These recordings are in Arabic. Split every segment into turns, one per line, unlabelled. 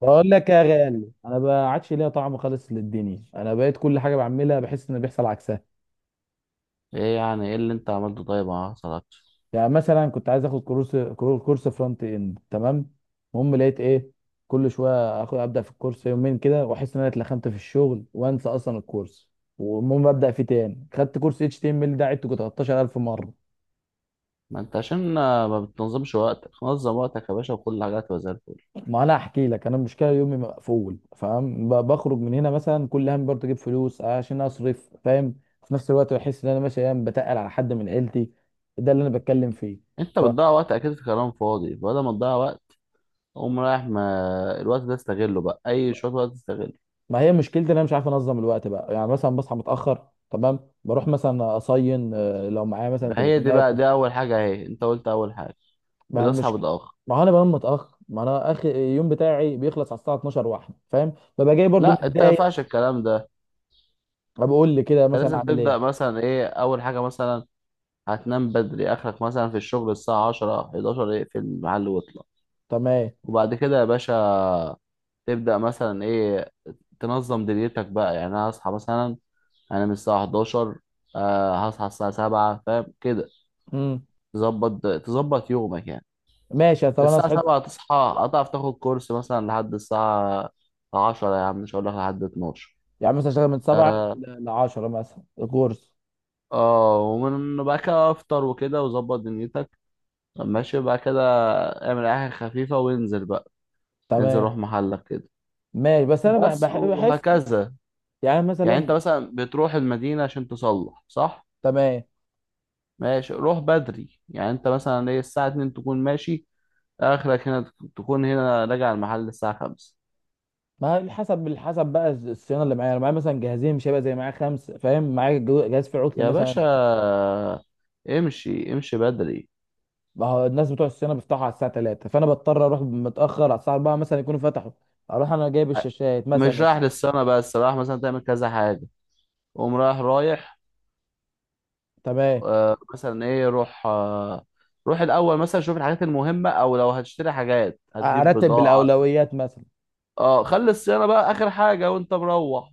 بقول لك يا غالي، انا ما عادش ليا طعم خالص للدنيا. انا بقيت كل حاجه بعملها بحس ان بيحصل عكسها.
ايه يعني ايه اللي انت عملته؟ طيب ما حصلكش؟
يعني مثلا كنت عايز اخد كورس فرونت اند، تمام. المهم لقيت ايه، كل شويه اخد ابدا في الكورس يومين كده واحس ان انا اتلخمت في الشغل وانسى اصلا الكورس. والمهم ابدا فيه تاني، خدت كورس اتش تي ام ال ده عدته 13,000 مره.
ما انت عشان ما بتنظمش وقتك. نظم وقتك يا باشا وكل حاجه هتبقى زي الفل.
ما انا احكي لك انا، المشكله يومي مقفول، فاهم؟ بخرج من هنا مثلا، كل هم برضه اجيب فلوس عشان اصرف، فاهم؟ في نفس الوقت بحس ان انا ماشي ايام بتقل على حد من عيلتي. ده اللي انا بتكلم فيه.
انت
فما
بتضيع وقت اكيد في كلام فاضي، بدل ما تضيع وقت قوم رايح. ما الوقت ده استغله بقى، اي شويه وقت استغله.
هي مشكلتي ان انا مش عارف انظم الوقت بقى. يعني مثلا بصحى متاخر، تمام، بروح مثلا اصين، لو معايا مثلا
ده هي دي
تليفونات
بقى، دي اول حاجه، اهي انت قلت اول حاجه:
ما هم
بتصحى
مش.
متاخر.
ما هو انا بنام متاخر، ما انا اخر اليوم بتاعي بيخلص على الساعه 12 واحده، فاهم؟ ببقى جاي برضه
لا، انت ما
متضايق.
ينفعش الكلام ده.
بقول لي كده
انت
مثلا
لازم
اعمل
تبدا
ايه؟
مثلا ايه اول حاجه مثلا؟ هتنام بدري. اخرك مثلا في الشغل الساعه 10 11 اقفل المحل واطلع.
تمام.
وبعد كده يا باشا تبدأ مثلا ايه؟ تنظم دنيتك بقى. يعني انا هصحى مثلا، انا من الساعه 11، هصحى الساعه 7 فاهم كده.
امم.
تظبط يومك يعني.
ماشي، طب انا
الساعه
صحيت.
7 تصحى هتعرف تاخد كورس مثلا لحد الساعه 10، يا عم مش هقول لك لحد 12.
يعني مثلا اشتغل من 7
اه،
ل10 مثلا الكورس.
ومن بقى كده افطر وكده وظبط دنيتك، ماشي بقى كده. اعمل اي حاجه خفيفه وانزل بقى، انزل
تمام.
روح محلك كده،
ماشي، بس انا بح-
بس
بح- بحس
وهكذا.
يعني
يعني
مثلا.
انت مثلا بتروح المدينه عشان تصلح، صح؟
تمام.
ماشي روح بدري، يعني انت مثلا ايه، الساعة 2 تكون ماشي، اخرك هنا تكون هنا راجع المحل الساعة 5.
ما هي حسب بقى الصيانه اللي معايا، انا معايا مثلا جهازين، مش هيبقى زي معايا خمسه، فاهم؟ معايا جهاز فيه عطل
يا باشا
مثلا.
امشي امشي بدري،
ما هو الناس بتوع الصيانه بيفتحوا على الساعه 3، فانا بضطر اروح متاخر على الساعه 4 مثلا يكونوا فتحوا. اروح انا جايب الشاشات مثلا
مش رايح للسما، بس رايح مثلا تعمل كذا حاجة. قوم رايح رايح.
تمام.
آه مثلا ايه، روح. آه، روح الاول مثلا شوف الحاجات المهمة، او لو هتشتري حاجات هتجيب
ارتب
بضاعة.
بالاولويات مثلا.
اه، خلي الصيانة بقى اخر حاجة وانت مروح.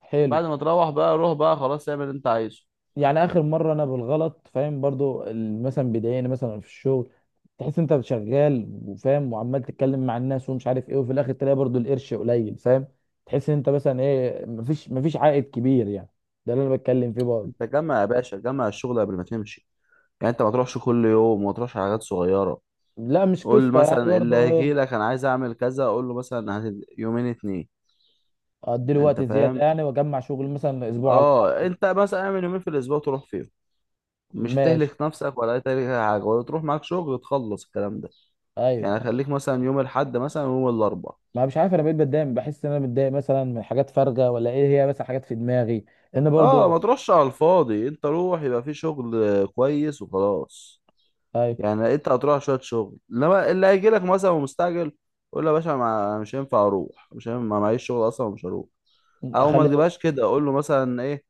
حلو.
بعد ما تروح بقى روح بقى خلاص، اعمل اللي انت عايزه.
يعني اخر مره انا بالغلط، فاهم؟ برضو مثلا بيضايقني مثلا في الشغل. تحس انت شغال وفاهم وعمال تتكلم مع الناس ومش عارف ايه، وفي الاخر تلاقي برضو القرش قليل، فاهم؟ تحس ان انت مثلا ايه، مفيش عائد كبير يعني. ده اللي انا بتكلم فيه برضو.
انت جمع يا باشا، جمع الشغل قبل ما تمشي. يعني انت ما تروحش كل يوم، وما تروحش على حاجات صغيره.
لا مش
قول
قصه يعني
مثلا اللي
برضو
هيجي
ايه.
لك انا عايز اعمل كذا، اقول له مثلا يومين اتنين.
ادي له
انت
وقت زياده
فاهم؟
يعني، واجمع شغل مثلا اسبوع على
اه،
بعض.
انت مثلا اعمل يومين في الاسبوع تروح فيهم. مش
ماشي.
هتهلك نفسك ولا هتهلك أي حاجه، ولا تروح معاك شغل تخلص الكلام ده. يعني
ايوه.
خليك مثلا يوم الاحد مثلا ويوم الاربع.
ما مش عارف، انا بقيت بتضايق، بحس ان انا متضايق مثلا من حاجات فارغه، ولا ايه، هي بس حاجات في دماغي. لان
اه، ما
برضو.
تروحش على الفاضي، انت روح يبقى في شغل كويس وخلاص.
ايوه.
يعني انت هتروح شويه شغل، انما اللي هيجي لك مثلا ومستعجل قول له يا باشا مش هينفع اروح، مش هينفع ما معيش شغل اصلا ومش هروح. او ما
اخليها.
تجيبهاش كده، اقول له مثلا ايه؟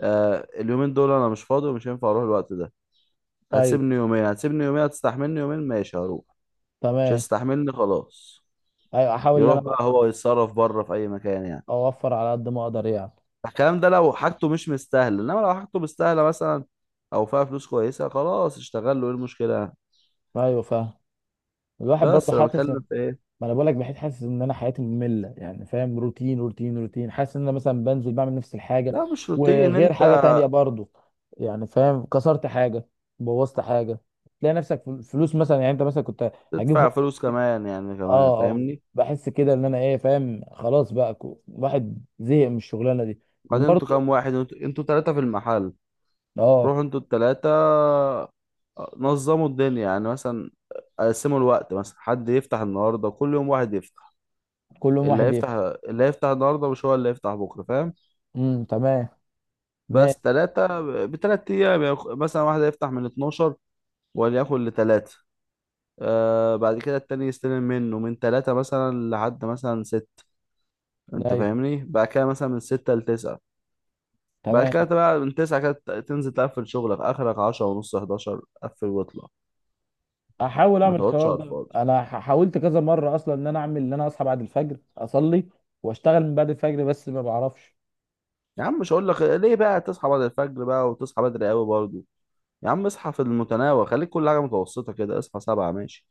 آه، اليومين دول انا مش فاضي ومش هينفع اروح الوقت ده.
ايوه.
هتسيبني يومين، هتسيبني يومين، هتستحملني يومين ماشي هروح. مش
تمام.
هتستحملني خلاص.
ايوه احاول ان
يروح
انا
بقى هو يتصرف بره في اي مكان يعني.
اوفر على قد ما اقدر يعني.
الكلام ده لو حاجته مش مستاهله، انما لو حاجته مستاهله مثلا او فيها فلوس كويسه، خلاص اشتغل له، ايه المشكله؟
ايوه فاهم. الواحد برضه
بس انا
حاسس
بتكلم
ان،
في ايه؟
ما انا بقول لك، بحيث حاسس ان انا حياتي ممله يعني، فاهم؟ روتين روتين روتين، حاسس ان انا مثلا بنزل بعمل نفس الحاجه.
لا مش روتين
وغير
انت.
حاجه تانية برضه، يعني فاهم؟ كسرت حاجه، بوظت حاجه، تلاقي نفسك فلوس مثلا، يعني انت مثلا كنت هجيب
تدفع
خمسة
فلوس
جنيه.
كمان، يعني كمان
اه اه.
فاهمني.
بحس كده ان انا ايه، فاهم؟ خلاص بقى، الواحد زهق من الشغلانه دي.
بعدين انتوا
وبرضه
كام واحد؟ انتوا ثلاثه في المحل.
اه.
روحوا انتوا التلاتة، نظموا الدنيا يعني مثلا، قسموا الوقت. مثلا حد يفتح النهاردة، كل يوم واحد يفتح.
كل يوم
اللي
واحد ايه.
هيفتح، اللي هيفتح النهاردة مش هو اللي هيفتح بكرة فاهم.
امم. تمام.
بس
ماشي.
تلاتة، بتلات أيام. يعني مثلا واحد هيفتح من 12 وليكن لتلاتة. آه، بعد كده التاني يستلم منه من تلاتة مثلا لحد مثلا ستة. انت
ايوه.
فاهمني؟ بعد كده مثلا من ستة لتسعة. بعد
تمام.
كده بقى من تسعة كده تنزل تقفل شغلك، آخرك عشرة ونص حداشر، قفل واطلع.
احاول
ما
اعمل
تقعدش
الحوار
على
ده،
الفاضي.
انا حاولت كذا مره اصلا ان انا اعمل، ان انا اصحى بعد الفجر اصلي واشتغل من بعد الفجر، بس ما بعرفش.
يا عم مش هقول لك ليه بقى تصحى بعد الفجر بقى وتصحى بدري قوي برضه. يا عم اصحى في المتناول، خليك كل حاجه متوسطه كده، اصحى سبعة ماشي.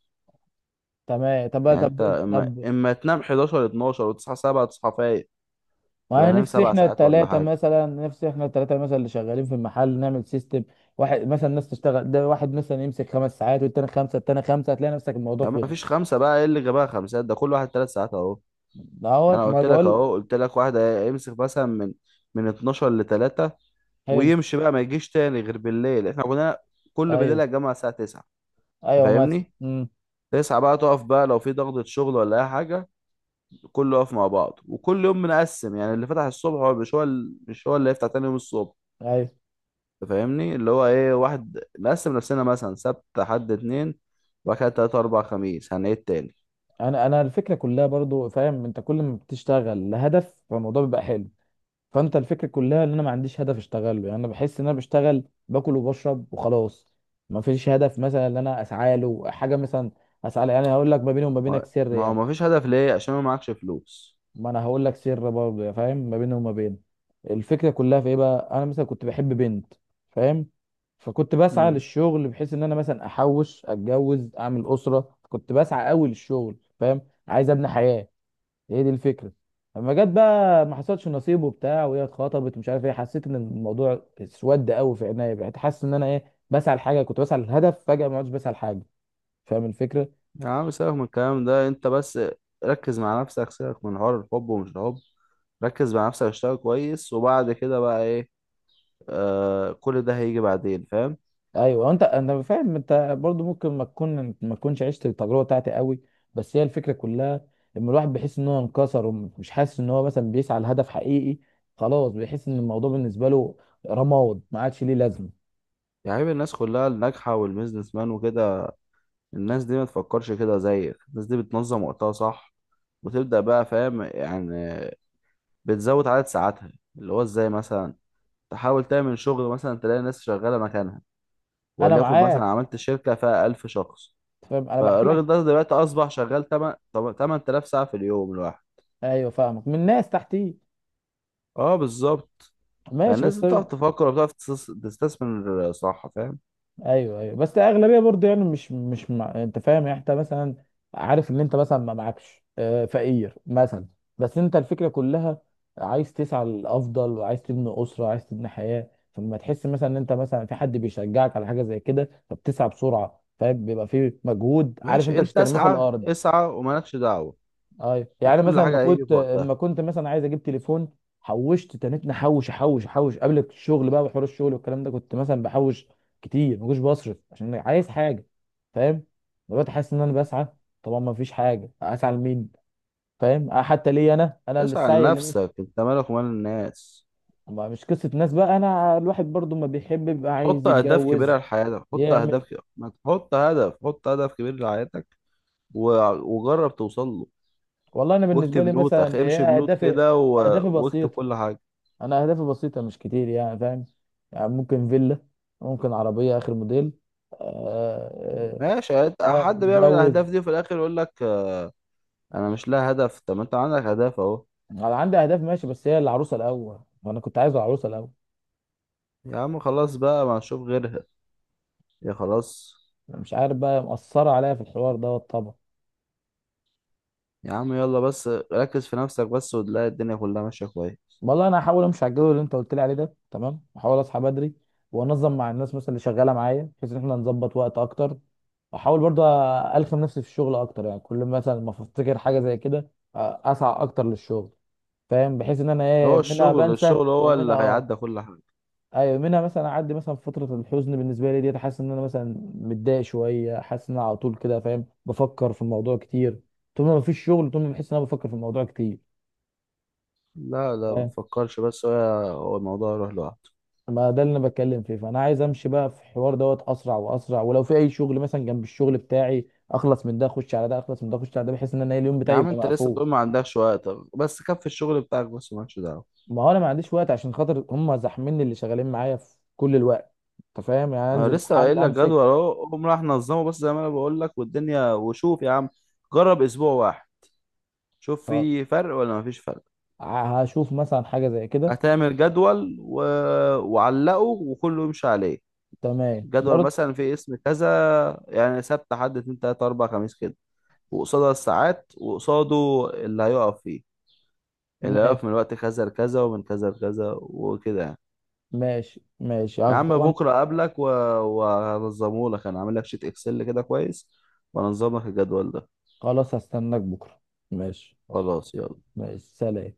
تمام. طب
يعني انت
طب
اما
طب.
تنام 11 12 وتصحى سبعة تصحى فايق،
ما
يبقى
أنا
نام
نفسي
سبع
احنا
ساعات ولا
الثلاثه
حاجه.
مثلا، اللي شغالين في المحل نعمل سيستم. واحد مثلا، ناس تشتغل، ده واحد مثلا يمسك 5 ساعات والتاني خمسه، التاني خمسه، هتلاقي نفسك الموضوع
يا عم
خلص.
مفيش خمسه بقى، ايه اللي جابها خمسات، ده كل واحد ثلاث ساعات اهو. يعني
دهوت
انا
ما
قلت لك
بقول.
اهو، قلت لك واحد يمسك مثلا من 12 ل 3
حلو.
ويمشي بقى، ما يجيش تاني غير بالليل. احنا كنا كل بالليل
ايوه.
يا جماعه الساعه 9. انت
ايوه مثلا.
فاهمني؟
امم.
9 بقى تقف بقى لو في ضغطة شغل ولا اي حاجه، كله واقف مع بعض. وكل يوم بنقسم، يعني اللي فتح الصبح هو مش هو مش هو اللي هيفتح تاني يوم الصبح.
ايوه
أنت فاهمني اللي هو ايه، واحد نقسم نفسنا مثلا سبت حد اتنين، وبعد كده تلاتة أربع خميس هنعيد تاني.
انا الفكره كلها، برضو فاهم؟ انت كل ما بتشتغل لهدف فالموضوع بيبقى حلو. فانت الفكره كلها ان انا ما عنديش هدف اشتغله، يعني انا بحس ان انا بشتغل باكل وبشرب وخلاص. ما فيش هدف مثلا ان انا اسعى له حاجه مثلا اسعى له. يعني هقول لك، ما بيني وما
ما
بينك سر
ما هو
يعني.
مفيش هدف ليه؟ عشان ما معكش فلوس.
ما انا هقول لك سر برضه يا فاهم، ما بيني وما بين. الفكره كلها في ايه بقى، انا مثلا كنت بحب بنت، فاهم؟ فكنت بسعى
امم.
للشغل، بحيث ان انا مثلا احوش، اتجوز، اعمل اسره، كنت بسعى قوي للشغل، فاهم؟ عايز ابني حياه. هي دي الفكره. اما جت بقى ما حصلش نصيب وبتاع، وهي اتخطبت ومش عارف ايه، حسيت ان الموضوع اسود قوي في عينيا، بقيت حاسس ان انا ايه بسعى لحاجه. كنت بسعى للهدف، فجاه ما عدتش بسعى لحاجه، فاهم الفكره؟
يا عم سيبك من الكلام ده انت بس، ركز مع نفسك. سيبك من حوار الحب ومش الحب، ركز مع نفسك. اشتغل كويس، وبعد كده بقى ايه؟ آه، كل ده هيجي بعدين فاهم.
ايوه انت، انا فاهم، انت برضو ممكن ما تكونش عشت التجربه بتاعتي قوي. بس هي الفكره كلها، لما الواحد بيحس ان هو انكسر، ومش حاسس ان هو مثلا بيسعى لهدف حقيقي، خلاص بيحس ان الموضوع بالنسبه له رماد، ما عادش ليه لازمه.
يعني عيب الناس كلها الناجحة والبيزنس مان وكده، الناس دي ما تفكرش كده زيك. الناس دي بتنظم وقتها صح، وتبدأ بقى فاهم يعني، بتزود عدد ساعاتها. اللي هو ازاي مثلا؟ تحاول تعمل شغل مثلا، تلاقي ناس شغالة مكانها،
انا
وليكن مثلا
معاك،
عملت شركة فيها 1000 شخص.
فاهم، انا بحكي لك.
فالراجل ده دلوقتي أصبح شغال 8 8000 ساعة في اليوم الواحد.
ايوه فاهمك، من ناس تحتي.
اه بالظبط.
ماشي
فالناس دي
بس.
بتعرف تفكر وبتعرف تستثمر، صح فاهم؟
ايوه. ايوه بس اغلبيه برضه يعني، مش مع انت فاهم يعني؟ انت مثلا عارف ان انت مثلا ما معكش، فقير مثلا. بس انت الفكره كلها، عايز تسعى للافضل وعايز تبني اسره وعايز تبني حياه. فلما تحس مثلا ان انت مثلا في حد بيشجعك على حاجه زي كده، فبتسعى بسرعه، فاهم؟ بيبقى في مجهود، عارف
ماشي
انت مش
انت،
هترميه في
اسعى
الارض.
اسعى ومالكش دعوة،
ايوه يعني
وكل
مثلا،
حاجة هيجي في وقتها.
ما كنت مثلا عايز اجيب تليفون، حوشت تنيت، نحوش، احوش احوش قبل الشغل بقى. وحوار الشغل والكلام ده كنت مثلا بحوش كتير، ما كنتش بصرف، عشان أنا عايز حاجه، فاهم؟ دلوقتي حاسس ان انا بسعى، طبعا ما فيش حاجه، اسعى لمين؟ فاهم حتى ليه انا اللي
اسعى
السعي اللي مش.
لنفسك، انت مالك ومال الناس.
مش قصه ناس بقى، انا الواحد برضو ما بيحب يبقى، عايز
حط اهداف
يتجوز،
كبيره لحياتك،
يعمل.
ما تحط هدف، حط هدف كبير لحياتك و... وجرب توصل له.
والله انا بالنسبه
واكتب
لي
نوت، اخ
مثلا ايه
امشي بنوت
اهدافي.
كده
اهدافي
واكتب
بسيطه،
كل حاجه.
انا اهدافي بسيطه مش كتير يعني فاهم؟ يعني ممكن فيلا، ممكن عربيه اخر موديل. اه.
ماشي
اه،
حد بيعمل
اتجوز.
الاهداف دي وفي الاخر يقول لك آه، انا مش لها هدف. طب ما انت عندك هدف اهو.
انا عندي اهداف ماشي، بس هي العروسه الاول، وانا كنت عايز العروسه الاول.
يا عم خلاص بقى، ما نشوف غيرها. يا خلاص.
أنا مش عارف بقى، مأثره عليا في الحوار دوت طبعا.
يا عم يلا بس، ركز في نفسك بس وتلاقي الدنيا كلها ماشيه كويس.
والله انا هحاول امشي على الجدول اللي انت قلت لي عليه ده، تمام، هحاول اصحى بدري، وانظم مع الناس مثلا اللي شغاله معايا، بحيث ان احنا نظبط وقت اكتر. احاول برضه الخم نفسي في الشغل اكتر، يعني كل مثلا ما افتكر حاجه زي كده اسعى اكتر للشغل، فاهم؟ بحيث ان انا ايه،
هو
منها
الشغل،
بنسى
الشغل هو
ومنها
اللي
اه.
هيعدي كل حاجه.
ايوه منها مثلا اعدي مثلا فتره الحزن، بالنسبه لي ديت حاسس ان انا مثلا متضايق شويه، حاسس ان انا على طول كده فاهم؟ بفكر في الموضوع كتير، طول ما مفيش شغل، طول ما بحس ان انا بفكر في الموضوع كتير،
لا لا ما
فاهم؟
تفكرش، بس هو، هو الموضوع يروح لوحده.
ما ده اللي انا بتكلم فيه، فانا عايز امشي بقى في الحوار دوت اسرع واسرع، ولو في اي شغل مثلا جنب الشغل بتاعي، اخلص من ده اخش على ده، اخلص من ده اخش على ده، بحيث ان انا إيه اليوم
يا
بتاعي
عم
يبقى
انت لسه
مقفول.
بتقول ما عندكش وقت. بس كفي الشغل بتاعك بس، مالكش دعوه.
ما هو انا ما عنديش وقت عشان خاطر هم زحميني اللي شغالين معايا في كل الوقت، انت فاهم يعني؟
انا
انزل
لسه
محل
قايل لك جدول
امسك.
اهو، قوم راح نظمه، بس زي ما انا بقول لك والدنيا، وشوف يا عم. جرب اسبوع واحد، شوف في فرق ولا مفيش فرق.
هشوف مثلا حاجة زي كده.
هتعمل جدول وعلقه، وكله يمشي عليه.
تمام
جدول
برضه.
مثلا في اسم كذا، يعني سبت حد اتنين تلاتة أربعة خميس كده، وقصادها الساعات، وقصاده اللي هيقف فيه، اللي
ماشي
هيقف من وقت كذا لكذا، ومن كذا لكذا وكده يعني.
ماشي ماشي،
يا عم
طبعا.
بكره اقابلك وهنظمه لك. انا عامل لك شيت اكسل كده كويس، وهنظم لك الجدول ده.
خلاص هستناك بكرة. ماشي.
خلاص يلا.
ماشي سلام.